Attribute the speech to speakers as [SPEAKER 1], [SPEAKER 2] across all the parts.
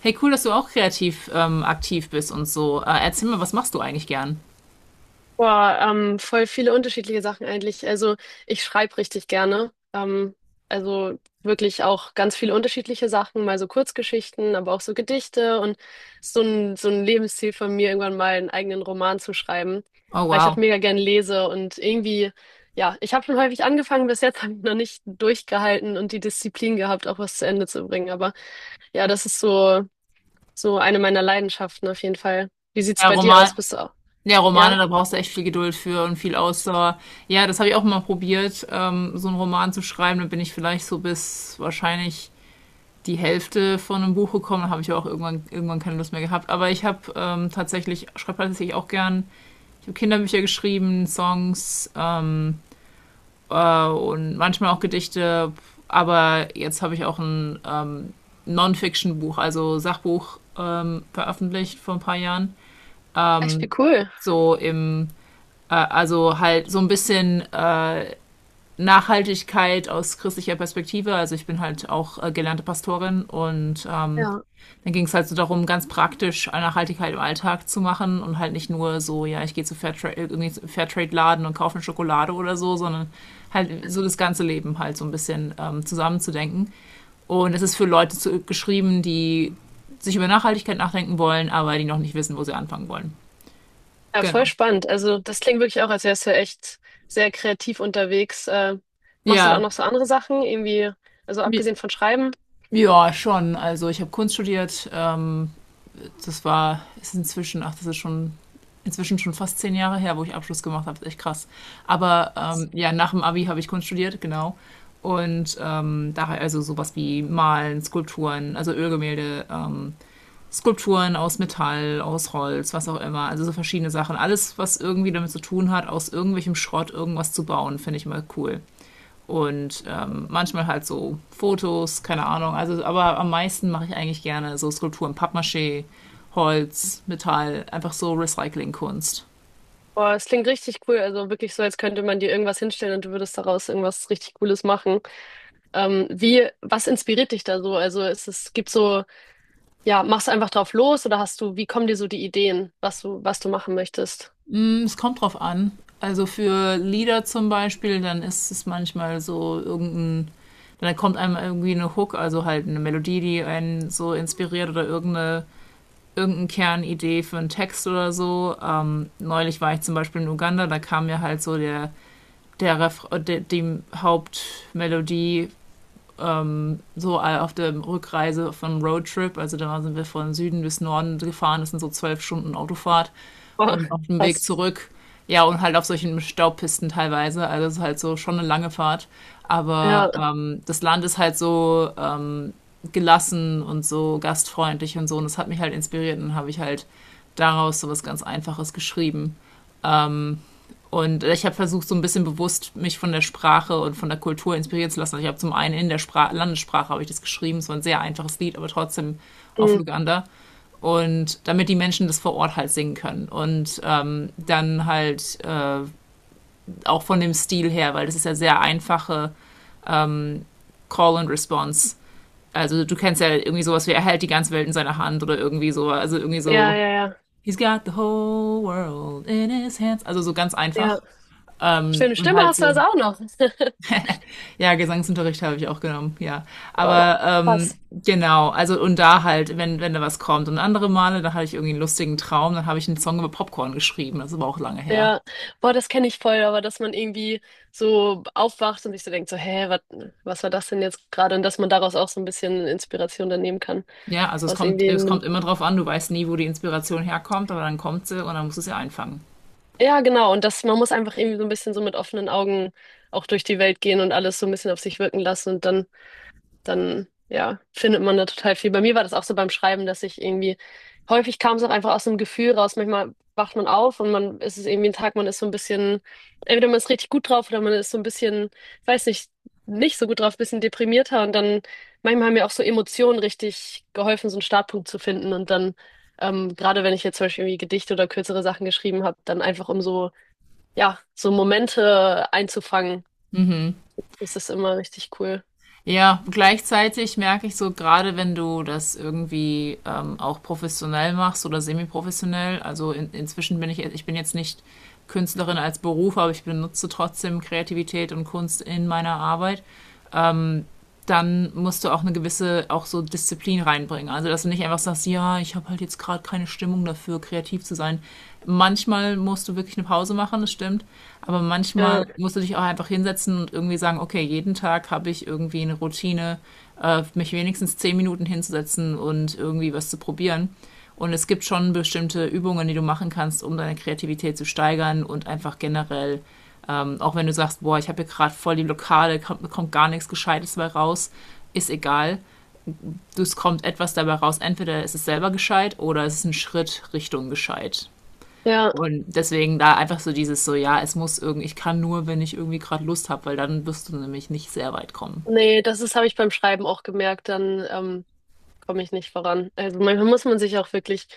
[SPEAKER 1] Hey, cool, dass du auch kreativ aktiv bist und so. Erzähl mal, was machst du eigentlich gern?
[SPEAKER 2] Voll viele unterschiedliche Sachen eigentlich. Also ich schreibe richtig gerne. Also wirklich auch ganz viele unterschiedliche Sachen, mal so Kurzgeschichten, aber auch so Gedichte und so ein Lebensziel von mir, irgendwann mal einen eigenen Roman zu schreiben,
[SPEAKER 1] Oh,
[SPEAKER 2] weil ich auch
[SPEAKER 1] wow.
[SPEAKER 2] mega gern lese und irgendwie, ja, ich habe schon häufig angefangen, bis jetzt habe ich noch nicht durchgehalten und die Disziplin gehabt, auch was zu Ende zu bringen. Aber ja, das ist so, so eine meiner Leidenschaften auf jeden Fall. Wie sieht's
[SPEAKER 1] Ja,
[SPEAKER 2] bei dir aus? Bist du auch?
[SPEAKER 1] Ja, Romane,
[SPEAKER 2] Ja,
[SPEAKER 1] da brauchst du echt viel Geduld für und viel Ausdauer. Ja, das habe ich auch mal probiert, so einen Roman zu schreiben. Dann bin ich vielleicht so bis wahrscheinlich die Hälfte von einem Buch gekommen. Dann habe ich auch irgendwann keine Lust mehr gehabt. Aber ich schreibe tatsächlich auch gern. Ich habe Kinderbücher geschrieben, Songs, und manchmal auch Gedichte. Aber jetzt habe ich auch ein Non-Fiction-Buch, also Sachbuch, veröffentlicht vor ein paar Jahren.
[SPEAKER 2] echt wie cool.
[SPEAKER 1] So im, also halt so ein bisschen Nachhaltigkeit aus christlicher Perspektive. Also ich bin halt auch gelernte Pastorin und
[SPEAKER 2] Ja.
[SPEAKER 1] dann ging es halt so darum, ganz praktisch Nachhaltigkeit im Alltag zu machen und halt nicht nur so, ja, ich gehe zu Fairtrade, irgendwie Fairtrade-Laden, und kaufe eine Schokolade oder so, sondern halt so das ganze Leben halt so ein bisschen zusammenzudenken. Und es ist für Leute geschrieben, die sich über Nachhaltigkeit nachdenken wollen, aber die noch nicht wissen, wo sie anfangen wollen.
[SPEAKER 2] Ja, voll
[SPEAKER 1] Genau.
[SPEAKER 2] spannend. Also das klingt wirklich auch, als wärst du echt sehr kreativ unterwegs. Machst du da auch
[SPEAKER 1] Ja.
[SPEAKER 2] noch so andere Sachen, irgendwie, also abgesehen von Schreiben?
[SPEAKER 1] Ja, schon. Also ich habe Kunst studiert. Das ist inzwischen, ach, das ist schon, inzwischen schon fast 10 Jahre her, wo ich Abschluss gemacht habe. Das ist echt krass. Aber
[SPEAKER 2] Was?
[SPEAKER 1] ja, nach dem Abi habe ich Kunst studiert, genau. Und daher also sowas wie Malen, Skulpturen, also Ölgemälde, Skulpturen aus Metall, aus Holz, was auch immer. Also so verschiedene Sachen. Alles, was irgendwie damit zu tun hat, aus irgendwelchem Schrott irgendwas zu bauen, finde ich mal cool, und manchmal halt so Fotos, keine Ahnung. Also, aber am meisten mache ich eigentlich gerne so Skulpturen, Pappmaché, Holz, Metall, einfach so Recyclingkunst.
[SPEAKER 2] Boah, es klingt richtig cool. Also wirklich so, als könnte man dir irgendwas hinstellen und du würdest daraus irgendwas richtig Cooles machen. Was inspiriert dich da so? Gibt so, ja, machst du einfach drauf los oder wie kommen dir so die Ideen, was du machen möchtest?
[SPEAKER 1] Es kommt drauf an. Also für Lieder zum Beispiel, dann ist es manchmal so dann kommt einem irgendwie eine Hook, also halt eine Melodie, die einen so inspiriert, oder irgendeine Kernidee für einen Text oder so. Neulich war ich zum Beispiel in Uganda, da kam mir halt so der Ref de dem Hauptmelodie so auf der Rückreise vom Roadtrip. Also da sind wir von Süden bis Norden gefahren. Das sind so 12 Stunden Autofahrt,
[SPEAKER 2] Boah,
[SPEAKER 1] und auf dem Weg
[SPEAKER 2] krass.
[SPEAKER 1] zurück. Ja, und halt auf solchen Staubpisten teilweise. Also es ist halt so schon eine lange Fahrt.
[SPEAKER 2] Ja,
[SPEAKER 1] Aber das Land ist halt so gelassen und so gastfreundlich und so. Und das hat mich halt inspiriert. Und dann habe ich halt daraus so was ganz Einfaches geschrieben. Und ich habe versucht, so ein bisschen bewusst mich von der Sprache und von der Kultur inspirieren zu lassen. Also ich habe zum einen in der Spra Landessprache habe ich das geschrieben, es war ein sehr einfaches Lied, aber trotzdem auf
[SPEAKER 2] mm,
[SPEAKER 1] Luganda. Und damit die Menschen das vor Ort halt singen können. Und dann halt auch von dem Stil her, weil das ist ja sehr einfache Call and Response. Also du kennst ja irgendwie sowas wie, er hält die ganze Welt in seiner Hand oder irgendwie so, also irgendwie
[SPEAKER 2] ja,
[SPEAKER 1] so,
[SPEAKER 2] ja, ja,
[SPEAKER 1] he's got the whole world in his hands. Also so ganz
[SPEAKER 2] ja.
[SPEAKER 1] einfach. Ähm,
[SPEAKER 2] Schöne
[SPEAKER 1] und
[SPEAKER 2] Stimme
[SPEAKER 1] halt
[SPEAKER 2] hast du
[SPEAKER 1] so.
[SPEAKER 2] also auch noch.
[SPEAKER 1] Ja, Gesangsunterricht habe ich auch genommen, ja.
[SPEAKER 2] Boah,
[SPEAKER 1] Aber
[SPEAKER 2] krass.
[SPEAKER 1] genau, also und da halt, wenn da was kommt. Und andere Male, da hatte ich irgendwie einen lustigen Traum, dann habe ich einen Song über Popcorn geschrieben. Das ist aber auch lange her.
[SPEAKER 2] Ja, boah, das kenne ich voll, aber dass man irgendwie so aufwacht und sich so denkt, so, hä, wat, was war das denn jetzt gerade? Und dass man daraus auch so ein bisschen Inspiration dann nehmen kann.
[SPEAKER 1] Ja, also
[SPEAKER 2] Aus irgendwie
[SPEAKER 1] es kommt
[SPEAKER 2] einem,
[SPEAKER 1] immer drauf an, du weißt nie, wo die Inspiration herkommt, aber dann kommt sie und dann musst du sie einfangen.
[SPEAKER 2] ja, genau. Und dass man muss einfach irgendwie so ein bisschen so mit offenen Augen auch durch die Welt gehen und alles so ein bisschen auf sich wirken lassen. Und dann ja, findet man da total viel. Bei mir war das auch so beim Schreiben, dass ich irgendwie, häufig kam es auch einfach aus dem Gefühl raus. Manchmal wacht man auf und man ist es irgendwie ein Tag, man ist so ein bisschen, entweder man ist richtig gut drauf oder man ist so ein bisschen, weiß nicht, nicht so gut drauf, ein bisschen deprimierter. Und dann manchmal haben mir auch so Emotionen richtig geholfen, so einen Startpunkt zu finden. Gerade wenn ich jetzt zum Beispiel irgendwie Gedichte oder kürzere Sachen geschrieben habe, dann einfach um so, ja, so Momente einzufangen,
[SPEAKER 1] Mhm.
[SPEAKER 2] ist das immer richtig cool.
[SPEAKER 1] Ja, gleichzeitig merke ich so, gerade wenn du das irgendwie auch professionell machst oder semi-professionell, also inzwischen bin ich, ich bin jetzt nicht Künstlerin als Beruf, aber ich benutze trotzdem Kreativität und Kunst in meiner Arbeit. Dann musst du auch eine gewisse, auch so Disziplin reinbringen. Also dass du nicht einfach sagst, ja, ich habe halt jetzt gerade keine Stimmung dafür, kreativ zu sein. Manchmal musst du wirklich eine Pause machen, das stimmt. Aber
[SPEAKER 2] Ja,
[SPEAKER 1] manchmal musst du dich auch einfach hinsetzen und irgendwie sagen, okay, jeden Tag habe ich irgendwie eine Routine, mich wenigstens 10 Minuten hinzusetzen und irgendwie was zu probieren. Und es gibt schon bestimmte Übungen, die du machen kannst, um deine Kreativität zu steigern, und einfach generell auch wenn du sagst, boah, ich habe hier gerade voll die Lokale, kommt gar nichts Gescheites dabei raus, ist egal. Es kommt etwas dabei raus. Entweder ist es selber gescheit oder es ist ein Schritt Richtung gescheit.
[SPEAKER 2] ja.
[SPEAKER 1] Und deswegen da einfach so dieses so, ja, es muss irgendwie, ich kann nur, wenn ich irgendwie gerade Lust habe, weil dann wirst du nämlich nicht sehr weit kommen.
[SPEAKER 2] Nee, habe ich beim Schreiben auch gemerkt, dann komme ich nicht voran. Also manchmal muss man sich auch wirklich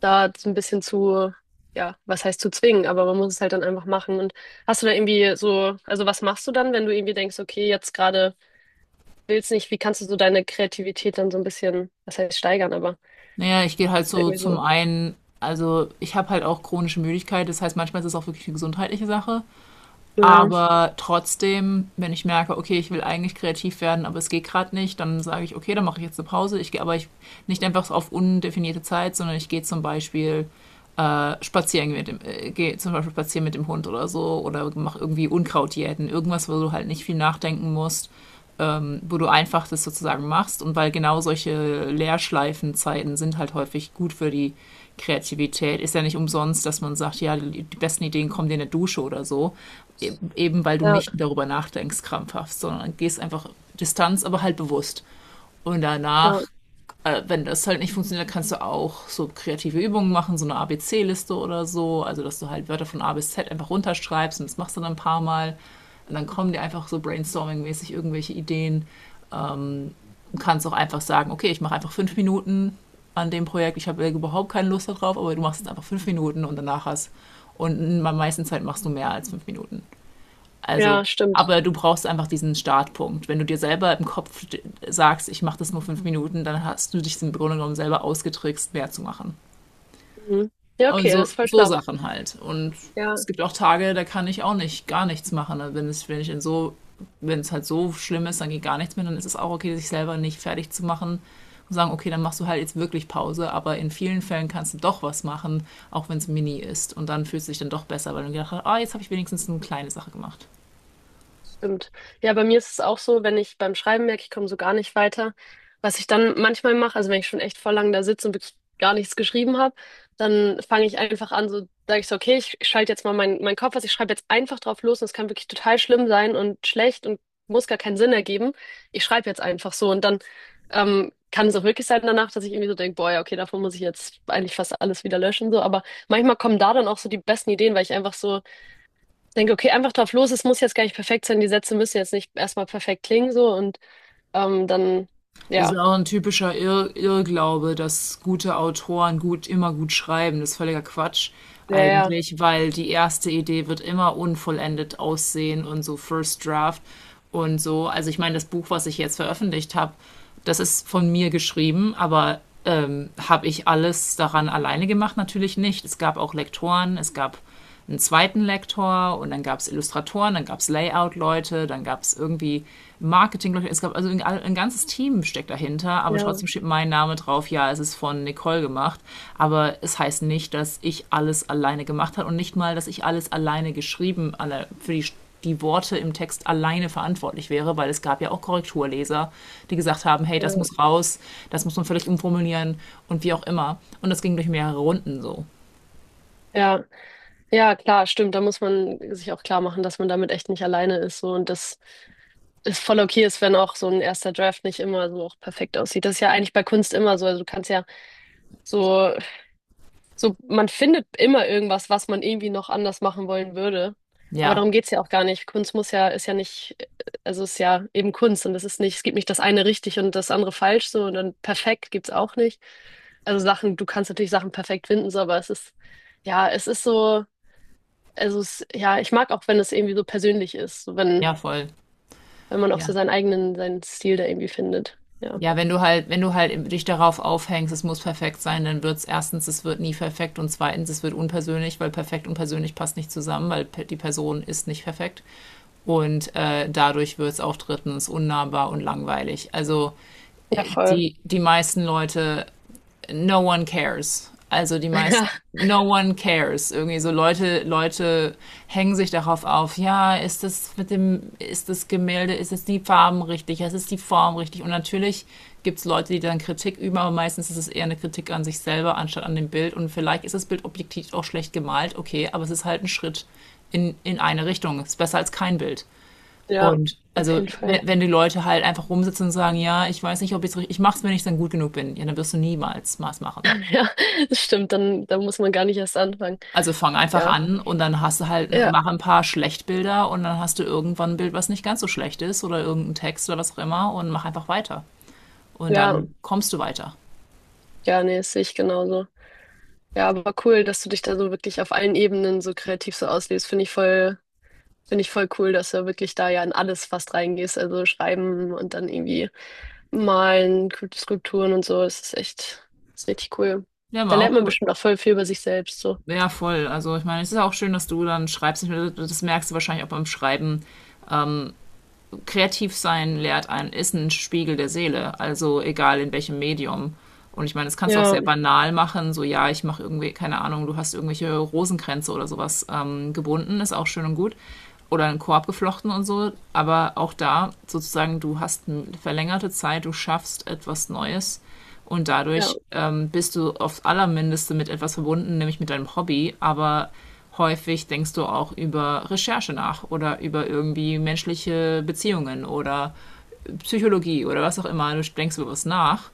[SPEAKER 2] da so ein bisschen zu, ja, was heißt zu zwingen, aber man muss es halt dann einfach machen. Und hast du da irgendwie so, also was machst du dann, wenn du irgendwie denkst, okay, jetzt gerade willst nicht, wie kannst du so deine Kreativität dann so ein bisschen, was heißt steigern, aber
[SPEAKER 1] Naja, ich gehe halt
[SPEAKER 2] hast du da
[SPEAKER 1] so
[SPEAKER 2] irgendwie
[SPEAKER 1] zum
[SPEAKER 2] so,
[SPEAKER 1] einen, also ich habe halt auch chronische Müdigkeit, das heißt manchmal ist es auch wirklich eine gesundheitliche Sache.
[SPEAKER 2] ja,
[SPEAKER 1] Aber trotzdem, wenn ich merke, okay, ich will eigentlich kreativ werden, aber es geht gerade nicht, dann sage ich, okay, dann mache ich jetzt eine Pause. Ich gehe aber ich, nicht einfach so auf undefinierte Zeit, sondern ich gehe zum Beispiel spazieren mit dem Hund oder so, oder mache irgendwie Unkrautjäten, irgendwas, wo du halt nicht viel nachdenken musst, wo du einfach das sozusagen machst, und weil genau solche Leerschleifenzeiten sind halt häufig gut für die Kreativität. Ist ja nicht umsonst, dass man sagt, ja, die besten Ideen kommen dir in der Dusche oder so, eben weil du
[SPEAKER 2] ja,
[SPEAKER 1] nicht darüber nachdenkst krampfhaft, sondern gehst einfach Distanz, aber halt bewusst. Und
[SPEAKER 2] ja,
[SPEAKER 1] danach, wenn das halt nicht funktioniert, kannst du auch so kreative Übungen machen, so eine ABC-Liste oder so, also dass du halt Wörter von A bis Z einfach runterschreibst und das machst du dann ein paar Mal. Und dann kommen dir einfach so brainstorming-mäßig irgendwelche Ideen. Du kannst auch einfach sagen, okay, ich mache einfach 5 Minuten an dem Projekt, ich habe überhaupt keine Lust darauf, aber du machst es einfach 5 Minuten, und danach hast. Und meisten Zeit machst du mehr als 5 Minuten. Also,
[SPEAKER 2] ja, stimmt.
[SPEAKER 1] aber du brauchst einfach diesen Startpunkt. Wenn du dir selber im Kopf sagst, ich mache das nur 5 Minuten, dann hast du dich im Grunde genommen selber ausgetrickst, mehr zu machen.
[SPEAKER 2] Mhm. Ja, okay,
[SPEAKER 1] Also
[SPEAKER 2] das ist voll
[SPEAKER 1] so
[SPEAKER 2] schlau.
[SPEAKER 1] Sachen halt. Und es
[SPEAKER 2] Ja.
[SPEAKER 1] gibt auch Tage, da kann ich auch nicht gar nichts machen, ne? Wenn es, wenn ich in so, wenn es halt so schlimm ist, dann geht gar nichts mehr, dann ist es auch okay, sich selber nicht fertig zu machen und sagen, okay, dann machst du halt jetzt wirklich Pause, aber in vielen Fällen kannst du doch was machen, auch wenn es mini ist. Und dann fühlst du dich dann doch besser, weil du gedacht hast, ah, jetzt habe ich wenigstens eine kleine Sache gemacht.
[SPEAKER 2] Stimmt. Ja, bei mir ist es auch so, wenn ich beim Schreiben merke, ich komme so gar nicht weiter, was ich dann manchmal mache, also wenn ich schon echt voll lang da sitze und wirklich gar nichts geschrieben habe, dann fange ich einfach an, so sage ich so, okay, ich schalte jetzt mal meinen Kopf aus, ich schreibe jetzt einfach drauf los und es kann wirklich total schlimm sein und schlecht und muss gar keinen Sinn ergeben. Ich schreibe jetzt einfach so und dann kann es auch wirklich sein danach, dass ich irgendwie so denke, boah, ja, okay, davon muss ich jetzt eigentlich fast alles wieder löschen, so, aber manchmal kommen da dann auch so die besten Ideen, weil ich einfach so ich denke, okay, einfach drauf los, es muss jetzt gar nicht perfekt sein, die Sätze müssen jetzt nicht erstmal perfekt klingen, so und ähm, dann,
[SPEAKER 1] Das ist
[SPEAKER 2] ja,
[SPEAKER 1] auch ein typischer Irrglaube, dass gute Autoren immer gut schreiben. Das ist völliger Quatsch
[SPEAKER 2] ja, ja,
[SPEAKER 1] eigentlich, weil die erste Idee wird immer unvollendet aussehen und so, First Draft und so. Also ich meine, das Buch, was ich jetzt veröffentlicht habe, das ist von mir geschrieben, aber habe ich alles daran alleine gemacht? Natürlich nicht. Es gab auch Lektoren, es gab einen zweiten Lektor, und dann gab es Illustratoren, dann gab es Layout-Leute, dann gab es irgendwie Marketing-Leute. Es gab also ein ganzes Team steckt dahinter, aber
[SPEAKER 2] ja,
[SPEAKER 1] trotzdem steht mein Name drauf. Ja, es ist von Nicole gemacht, aber es heißt nicht, dass ich alles alleine gemacht habe und nicht mal, dass ich alles alleine geschrieben, alle für die Worte im Text alleine verantwortlich wäre, weil es gab ja auch Korrekturleser, die gesagt haben, hey, das
[SPEAKER 2] ja,
[SPEAKER 1] muss raus, das muss man völlig umformulieren und wie auch immer. Und das ging durch mehrere Runden so.
[SPEAKER 2] ja, ja, klar, stimmt, da muss man sich auch klar machen, dass man damit echt nicht alleine ist, so und das ist voll okay ist, wenn auch so ein erster Draft nicht immer so auch perfekt aussieht. Das ist ja eigentlich bei Kunst immer so, also du kannst ja so so, man findet immer irgendwas, was man irgendwie noch anders machen wollen würde. Aber
[SPEAKER 1] Ja,
[SPEAKER 2] darum geht's ja auch gar nicht. Kunst muss ja, ist ja nicht, Also ist ja eben Kunst und es ist nicht, es gibt nicht das eine richtig und das andere falsch so und dann perfekt gibt's auch nicht. Also Sachen, du kannst natürlich Sachen perfekt finden, so, aber es ist, ja, es ist so, also es, ja, ich mag auch, wenn es irgendwie so persönlich ist,
[SPEAKER 1] ja, voll.
[SPEAKER 2] wenn man auch so
[SPEAKER 1] Ja.
[SPEAKER 2] seinen Stil da irgendwie findet. Ja.
[SPEAKER 1] Ja, wenn du halt dich darauf aufhängst, es muss perfekt sein, dann wird's erstens, es wird nie perfekt, und zweitens, es wird unpersönlich, weil perfekt und persönlich passt nicht zusammen, weil die Person ist nicht perfekt. Und dadurch wird's auch drittens unnahbar und langweilig. Also
[SPEAKER 2] Ja, voll.
[SPEAKER 1] die meisten Leute, no one cares. Also die meisten,
[SPEAKER 2] Ja,
[SPEAKER 1] no one cares. Irgendwie so Leute, hängen sich darauf auf, ja, ist das Gemälde, ist es die Farben richtig, ist es die Form richtig? Und natürlich gibt es Leute, die dann Kritik üben, aber meistens ist es eher eine Kritik an sich selber anstatt an dem Bild. Und vielleicht ist das Bild objektiv auch schlecht gemalt, okay, aber es ist halt ein Schritt in eine Richtung. Es ist besser als kein Bild.
[SPEAKER 2] ja,
[SPEAKER 1] Und
[SPEAKER 2] auf
[SPEAKER 1] also,
[SPEAKER 2] jeden Fall.
[SPEAKER 1] wenn die Leute halt einfach rumsitzen und sagen, ja, ich weiß nicht, ob ich's richtig, ich mach's, wenn ich dann gut genug bin, ja, dann wirst du niemals was machen.
[SPEAKER 2] Ja, das stimmt, dann muss man gar nicht erst anfangen.
[SPEAKER 1] Also fang einfach
[SPEAKER 2] Ja,
[SPEAKER 1] an, und dann hast du halt,
[SPEAKER 2] ja,
[SPEAKER 1] mach ein paar Schlechtbilder, und dann hast du irgendwann ein Bild, was nicht ganz so schlecht ist, oder irgendein Text oder was auch immer, und mach einfach weiter. Und
[SPEAKER 2] ja,
[SPEAKER 1] dann kommst du weiter.
[SPEAKER 2] ja, nee, das sehe ich genauso. Ja, aber cool, dass du dich da so wirklich auf allen Ebenen so kreativ so auslebst. Finde ich voll cool, dass du wirklich da ja in alles fast reingehst. Also schreiben und dann irgendwie malen, Skulpturen und so. Das ist richtig cool.
[SPEAKER 1] Ja,
[SPEAKER 2] Da
[SPEAKER 1] war
[SPEAKER 2] lernt
[SPEAKER 1] auch
[SPEAKER 2] man
[SPEAKER 1] cool.
[SPEAKER 2] bestimmt auch voll viel über sich selbst, so.
[SPEAKER 1] Ja, voll. Also ich meine, es ist auch schön, dass du dann schreibst. Ich meine, das merkst du wahrscheinlich auch beim Schreiben. Ähm, kreativ sein lehrt einen, ist ein Spiegel der Seele, also egal in welchem Medium. Und ich meine, das kannst du auch
[SPEAKER 2] Ja,
[SPEAKER 1] sehr banal machen, so ja, ich mache irgendwie, keine Ahnung, du hast irgendwelche Rosenkränze oder sowas gebunden, ist auch schön und gut. Oder einen Korb geflochten und so, aber auch da sozusagen, du hast eine verlängerte Zeit, du schaffst etwas Neues, und
[SPEAKER 2] ja,
[SPEAKER 1] dadurch bist du aufs Allermindeste mit etwas verbunden, nämlich mit deinem Hobby, aber häufig denkst du auch über Recherche nach oder über irgendwie menschliche Beziehungen oder Psychologie oder was auch immer. Du denkst über was nach,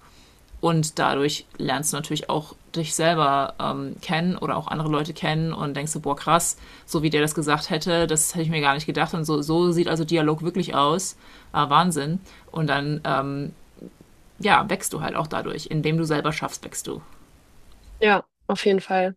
[SPEAKER 1] und dadurch lernst du natürlich auch dich selber kennen oder auch andere Leute kennen und denkst du, boah, krass, so wie der das gesagt hätte, das hätte ich mir gar nicht gedacht und so, so sieht also Dialog wirklich aus. Ah, Wahnsinn. Und dann ja, wächst du halt auch dadurch. Indem du selber schaffst, wächst du.
[SPEAKER 2] ja, auf jeden Fall.